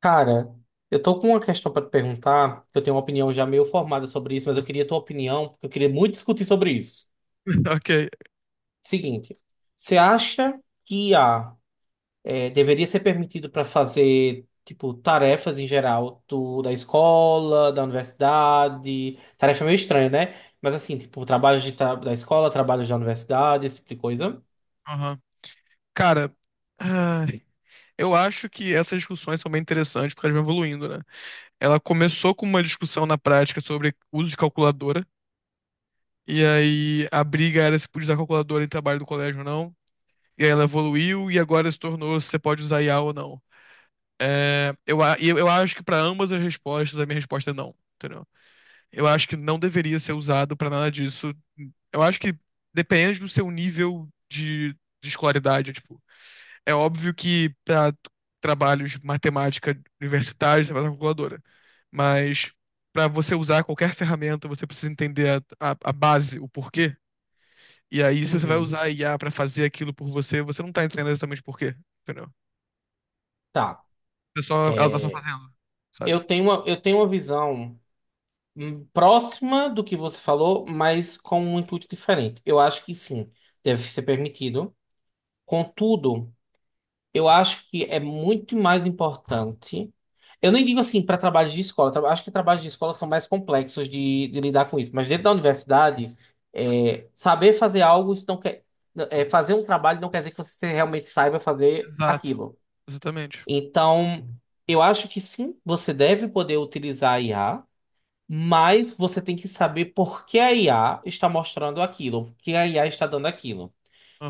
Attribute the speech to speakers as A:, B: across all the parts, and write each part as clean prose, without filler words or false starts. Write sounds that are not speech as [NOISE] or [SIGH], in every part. A: Cara, eu tô com uma questão pra te perguntar, que eu tenho uma opinião já meio formada sobre isso, mas eu queria a tua opinião, porque eu queria muito discutir sobre isso.
B: [LAUGHS] Ok.
A: Seguinte, você acha que IA deveria ser permitido para fazer, tipo, tarefas em geral da escola, da universidade. Tarefa meio estranha, né? Mas assim, tipo, trabalhos da escola, trabalhos da universidade, esse tipo de coisa.
B: Aham. Cara, ai, eu acho que essas discussões são bem interessantes porque elas vão evoluindo, né? Ela começou com uma discussão na prática sobre uso de calculadora, e aí a briga era se podia usar calculadora em trabalho do colégio ou não, e aí ela evoluiu e agora se tornou se você pode usar IA ou não. É, eu, a- e eu acho que para ambas as respostas, a minha resposta é não, entendeu? Eu acho que não deveria ser usado para nada disso. Eu acho que depende do seu nível de escolaridade, tipo. É óbvio que para trabalhos de matemática universitários você vai usar calculadora, mas para você usar qualquer ferramenta você precisa entender a base, o porquê. E aí se você vai
A: Uhum.
B: usar a IA para fazer aquilo por você, você não tá entendendo exatamente por quê, entendeu?
A: Tá.
B: Você só, ela tá só
A: É,
B: fazendo, sabe?
A: eu tenho uma visão. Próxima do que você falou, mas com um intuito diferente. Eu acho que sim, deve ser permitido. Contudo, eu acho que é muito mais importante. Eu nem digo assim para trabalhos de escola, acho que trabalhos de escola são mais complexos de lidar com isso, mas dentro da universidade, saber fazer algo, isso não quer, é, fazer um trabalho não quer dizer que você realmente saiba fazer
B: Exato.
A: aquilo.
B: Exatamente.
A: Então, eu acho que sim, você deve poder utilizar a IA, mas você tem que saber por que a IA está mostrando aquilo, por que a IA está dando aquilo.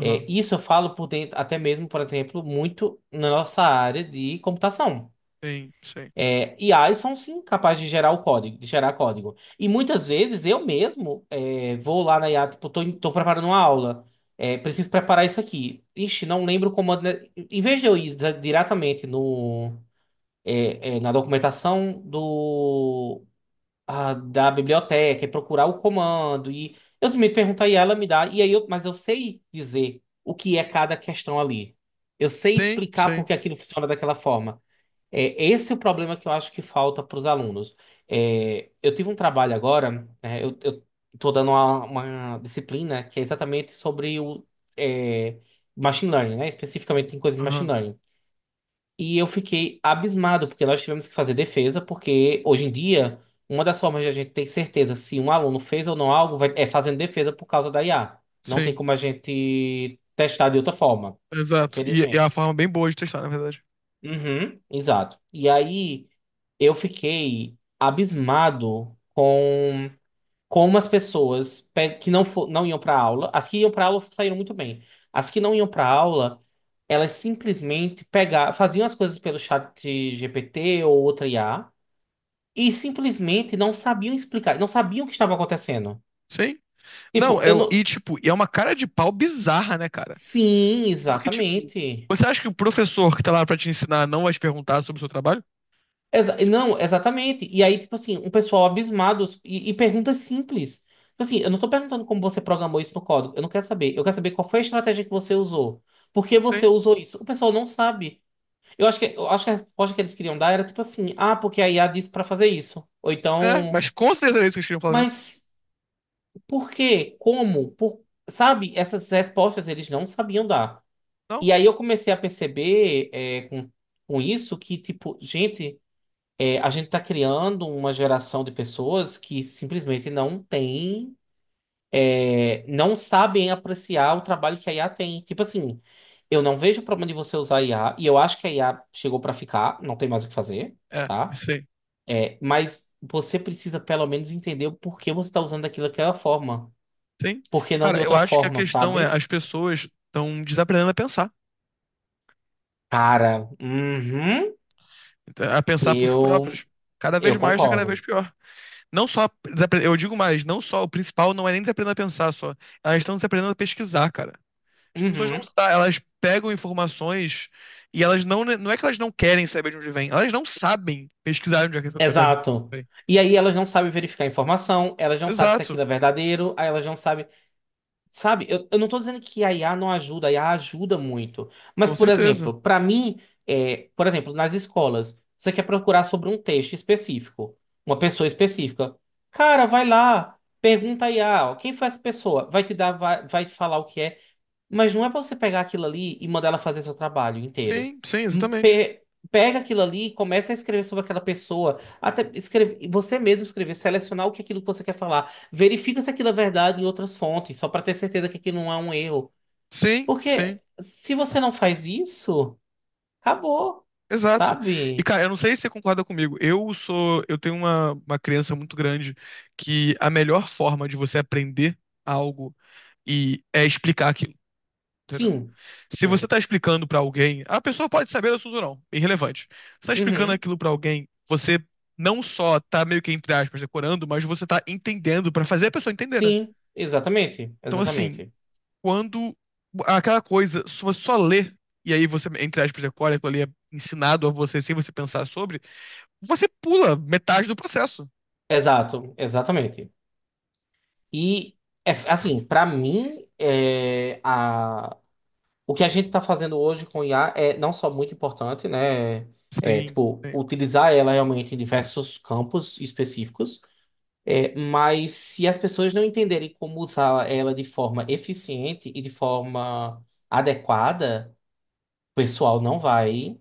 A: Isso eu falo por dentro, até mesmo, por exemplo, muito na nossa área de computação.
B: Sim, sim.
A: IAs são sim capazes de gerar o código, de gerar código. E muitas vezes eu mesmo vou lá na IA, tipo, tô preparando uma aula, preciso preparar isso aqui. Ixi, não lembro o comando. Né? Em vez de eu ir diretamente no, é, é, na documentação da biblioteca e procurar o comando. E eu me pergunto aí, ela me dá. E aí mas eu sei dizer o que é cada questão ali. Eu sei
B: Sim,
A: explicar por
B: sim.
A: que aquilo funciona daquela forma. Esse é o problema que eu acho que falta para os alunos. Eu tive um trabalho agora, né, eu tô dando uma disciplina que é exatamente sobre o é, machine learning, né? Especificamente em coisas de machine
B: Aham.
A: learning. E eu fiquei abismado, porque nós tivemos que fazer defesa, porque hoje em dia, uma das formas de a gente ter certeza se um aluno fez ou não algo é fazendo defesa por causa da IA. Não tem
B: Sim.
A: como a gente testar de outra forma,
B: Exato. E é
A: infelizmente.
B: uma forma bem boa de testar, na verdade.
A: Uhum, exato. E aí eu fiquei abismado com como as pessoas que não, não iam para aula, as que iam para aula saíram muito bem. As que não iam para aula, elas simplesmente pegavam, faziam as coisas pelo chat GPT ou outra IA e simplesmente não sabiam explicar, não sabiam o que estava acontecendo.
B: Sim. Não,
A: Tipo, eu
B: e
A: não.
B: tipo, e é uma cara de pau bizarra, né, cara?
A: Sim,
B: Porque, tipo,
A: exatamente.
B: você acha que o professor que tá lá pra te ensinar não vai te perguntar sobre o seu trabalho? Tipo.
A: Não, exatamente. E aí, tipo assim, um pessoal abismado e perguntas simples. Tipo assim, eu não tô perguntando como você programou isso no código. Eu não quero saber. Eu quero saber qual foi a estratégia que você usou. Por que você
B: Sim.
A: usou isso? O pessoal não sabe. Eu acho que a resposta que eles queriam dar era tipo assim: ah, porque a IA disse pra fazer isso. Ou
B: É,
A: então,
B: mas com certeza é isso que eles queriam falar mesmo.
A: mas por quê? Como? Por... Sabe? Essas respostas eles não sabiam dar.
B: Não?
A: E aí eu comecei a perceber, com isso que, tipo, a gente está criando uma geração de pessoas que simplesmente não sabem apreciar o trabalho que a IA tem. Tipo assim, eu não vejo problema de você usar a IA, e eu acho que a IA chegou para ficar, não tem mais o que fazer,
B: É,
A: tá?
B: sim.
A: Mas você precisa pelo menos entender o porquê você está usando daquilo daquela forma.
B: Sim.
A: Por que não de
B: Cara, eu
A: outra
B: acho que a
A: forma,
B: questão é,
A: sabe?
B: as pessoas estão desaprendendo
A: Cara, uhum,
B: a pensar por si
A: eu,
B: próprias. Cada vez
A: eu
B: mais, tá cada vez
A: concordo.
B: pior. Não só, eu digo mais, não só, o principal não é nem desaprendendo a pensar só. Elas estão desaprendendo a pesquisar, cara. As pessoas não,
A: Uhum.
B: elas pegam informações e elas não, não é que elas não querem saber de onde vem, elas não sabem pesquisar onde é que aquela informação
A: Exato.
B: vem.
A: E aí elas não sabem verificar a informação, elas não sabem se
B: Exato,
A: aquilo é verdadeiro, aí elas não sabem. Sabe, eu não tô dizendo que a IA não ajuda, a IA ajuda muito. Mas,
B: com
A: por
B: certeza.
A: exemplo, para mim, por exemplo, nas escolas, você quer procurar sobre um texto específico, uma pessoa específica. Cara, vai lá, pergunta a IA, ó, quem foi essa pessoa? Vai te dar, vai te falar o que é. Mas não é pra você pegar aquilo ali e mandar ela fazer seu trabalho inteiro.
B: Sim, sim,
A: Hum,
B: exatamente.
A: pe- Pega aquilo ali e começa a escrever sobre aquela pessoa. Até escrever, você mesmo escrever, selecionar o que é aquilo que você quer falar. Verifica se aquilo é verdade em outras fontes, só pra ter certeza que aquilo não é um erro.
B: Sim, sim,
A: Porque se você não faz isso, acabou.
B: exato. E
A: Sabe?
B: cara, eu não sei se você concorda comigo. Eu tenho uma crença muito grande que a melhor forma de você aprender algo e é explicar aquilo. Entendeu?
A: Sim.
B: Se você
A: Sim.
B: tá explicando pra alguém, a pessoa pode saber do assunto ou não, é irrelevante. Você tá explicando
A: Uhum.
B: aquilo pra alguém, você não só tá meio que, entre aspas, decorando, mas você tá entendendo pra fazer a pessoa entender, né?
A: Sim, exatamente.
B: Então, assim,
A: Exatamente.
B: quando aquela coisa, se você só lê, e aí você, entre aspas, decora, aquilo ali é ensinado a você sem você pensar sobre, você pula metade do processo.
A: Exato, exatamente. E assim, pra mim, o que a gente está fazendo hoje com IA é não só muito importante, né?
B: Sim,
A: Tipo,
B: sim.
A: utilizar ela realmente em diversos campos específicos, mas se as pessoas não entenderem como usar ela de forma eficiente e de forma adequada, o pessoal não vai.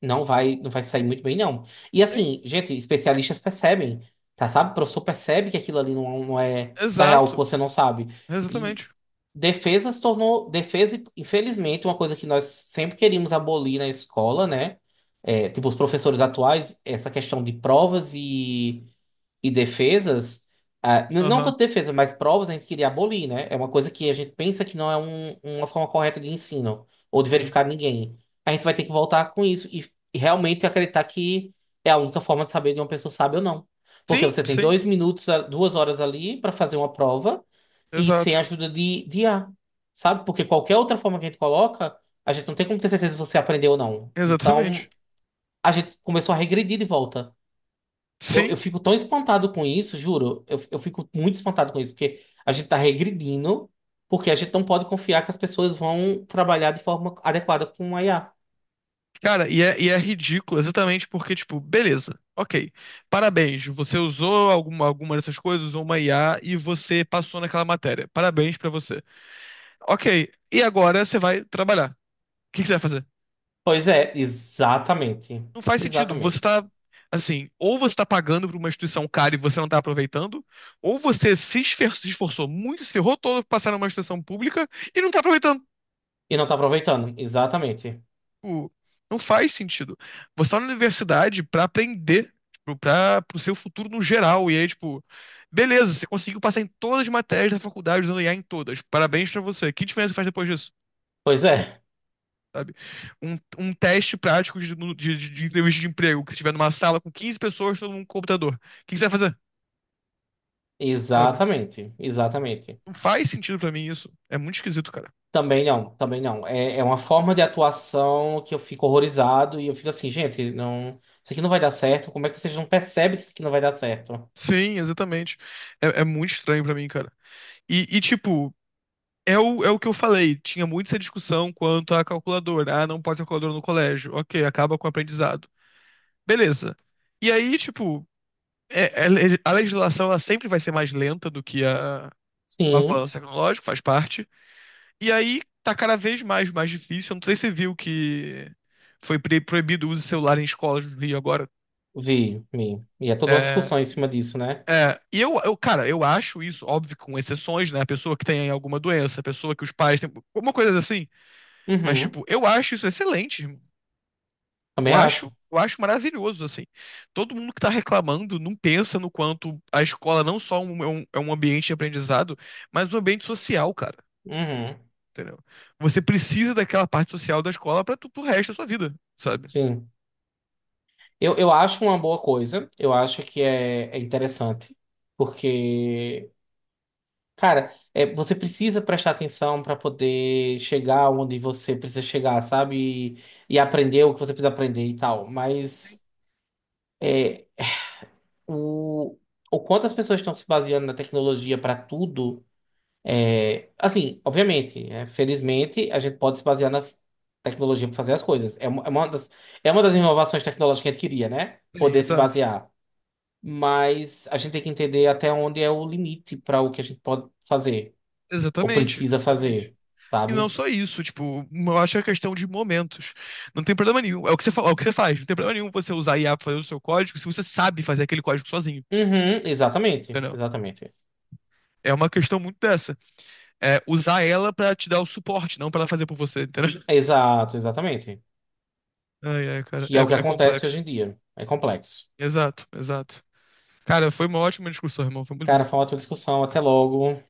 A: Não vai, não vai sair muito bem, não. E
B: Sim,
A: assim, gente, especialistas percebem, tá? Sabe? O professor percebe que aquilo ali não, não é, tá real, que
B: exato.
A: você não sabe. E
B: Exatamente.
A: defesa se tornou, defesa, infelizmente, uma coisa que nós sempre queríamos abolir na escola, né? Tipo, os professores atuais, essa questão de provas e defesas, não
B: Aham,
A: tanto defesa, mas provas a gente queria abolir, né? É uma coisa que a gente pensa que não é uma forma correta de ensino ou de
B: sim.
A: verificar ninguém. A gente vai ter que voltar com isso e realmente acreditar que é a única forma de saber de uma pessoa sabe ou não. Porque
B: Sim,
A: você tem
B: sim,
A: 2 minutos, 2 horas ali para fazer uma prova e sem a
B: exato.
A: ajuda de IA, sabe? Porque qualquer outra forma que a gente coloca, a gente não tem como ter certeza se você aprendeu ou não. Então,
B: Exatamente.
A: a gente começou a regredir de volta. Eu
B: Sim.
A: fico tão espantado com isso, juro. Eu fico muito espantado com isso, porque a gente tá regredindo, porque a gente não pode confiar que as pessoas vão trabalhar de forma adequada com a IA.
B: Cara, e é ridículo exatamente porque, tipo, beleza, ok. Parabéns, você usou alguma dessas coisas, usou uma IA e você passou naquela matéria. Parabéns pra você. Ok, e agora você vai trabalhar. O que que você vai fazer?
A: Pois é, exatamente.
B: Não faz sentido. Você
A: Exatamente.
B: tá, assim, ou você tá pagando pra uma instituição cara e você não tá aproveitando, ou você se esforçou muito, se ferrou todo pra passar numa instituição pública e não tá aproveitando.
A: E não tá aproveitando. Exatamente.
B: Tipo, não faz sentido. Você tá na universidade pra aprender, tipo, pra, pro seu futuro no geral. E aí, tipo, beleza, você conseguiu passar em todas as matérias da faculdade usando IA em todas. Parabéns pra você. Que diferença faz depois disso?
A: Pois é,
B: Sabe? Um teste prático de entrevista de emprego, que você estiver numa sala com 15 pessoas, todo mundo com computador. O que que você vai fazer? Sabe?
A: exatamente. Exatamente.
B: Não faz sentido pra mim isso. É muito esquisito, cara.
A: Também não, também não. É uma forma de atuação que eu fico horrorizado e eu fico assim, gente, não, isso aqui não vai dar certo. Como é que vocês não percebem que isso aqui não vai dar certo?
B: Sim, exatamente. É muito estranho pra mim, cara. E, tipo, é o que eu falei, tinha muito essa discussão quanto à calculadora. Ah, não pode ser calculadora no colégio. Ok, acaba com o aprendizado. Beleza. E aí, tipo, a legislação ela sempre vai ser mais lenta do que o
A: Sim.
B: avanço tecnológico, faz parte. E aí tá cada vez mais, difícil. Eu não sei se você viu que foi proibido o uso de celular em escolas no Rio agora.
A: Vi, vi. E é toda uma
B: É,
A: discussão em cima disso, né?
B: é, e eu, cara, eu acho isso, óbvio, com exceções, né? A pessoa que tem alguma doença, a pessoa que os pais têm, alguma coisa assim. Mas,
A: Uhum.
B: tipo, eu acho isso excelente. Eu
A: Também
B: acho,
A: acho.
B: eu acho maravilhoso, assim. Todo mundo que está reclamando não pensa no quanto a escola não só é um ambiente de aprendizado, mas um ambiente social, cara.
A: Uhum.
B: Entendeu? Você precisa daquela parte social da escola para tudo o resto da sua vida, sabe?
A: Sim. Eu acho uma boa coisa. Eu acho que é interessante. Porque, cara, você precisa prestar atenção para poder chegar onde você precisa chegar, sabe? E aprender o que você precisa aprender e tal. Mas é, o, o quanto as pessoas estão se baseando na tecnologia para tudo. Assim, obviamente, felizmente, a gente pode se basear na tecnologia para fazer as coisas. É uma das inovações tecnológicas que a gente queria, né?
B: É,
A: Poder se
B: exato.
A: basear. Mas a gente tem que entender até onde é o limite para o que a gente pode fazer ou
B: Exatamente,
A: precisa
B: exatamente.
A: fazer,
B: E não
A: sabe?
B: só isso, tipo, eu acho que é questão de momentos. Não tem problema nenhum. É o que você, fa- é o que você faz. Não tem problema nenhum você usar IA pra fazer o seu código se você sabe fazer aquele código sozinho,
A: Uhum, exatamente,
B: entendeu?
A: exatamente.
B: É uma questão muito dessa. Usar ela pra te dar o suporte, não pra ela fazer por você, entendeu?
A: Exato, exatamente.
B: Ai, ai, cara,
A: Que é
B: é,
A: o que
B: é
A: acontece hoje
B: complexo.
A: em dia. É complexo.
B: Exato, exato. Cara, foi uma ótima discussão, irmão, foi muito bom.
A: Cara, foi uma ótima discussão. Até logo.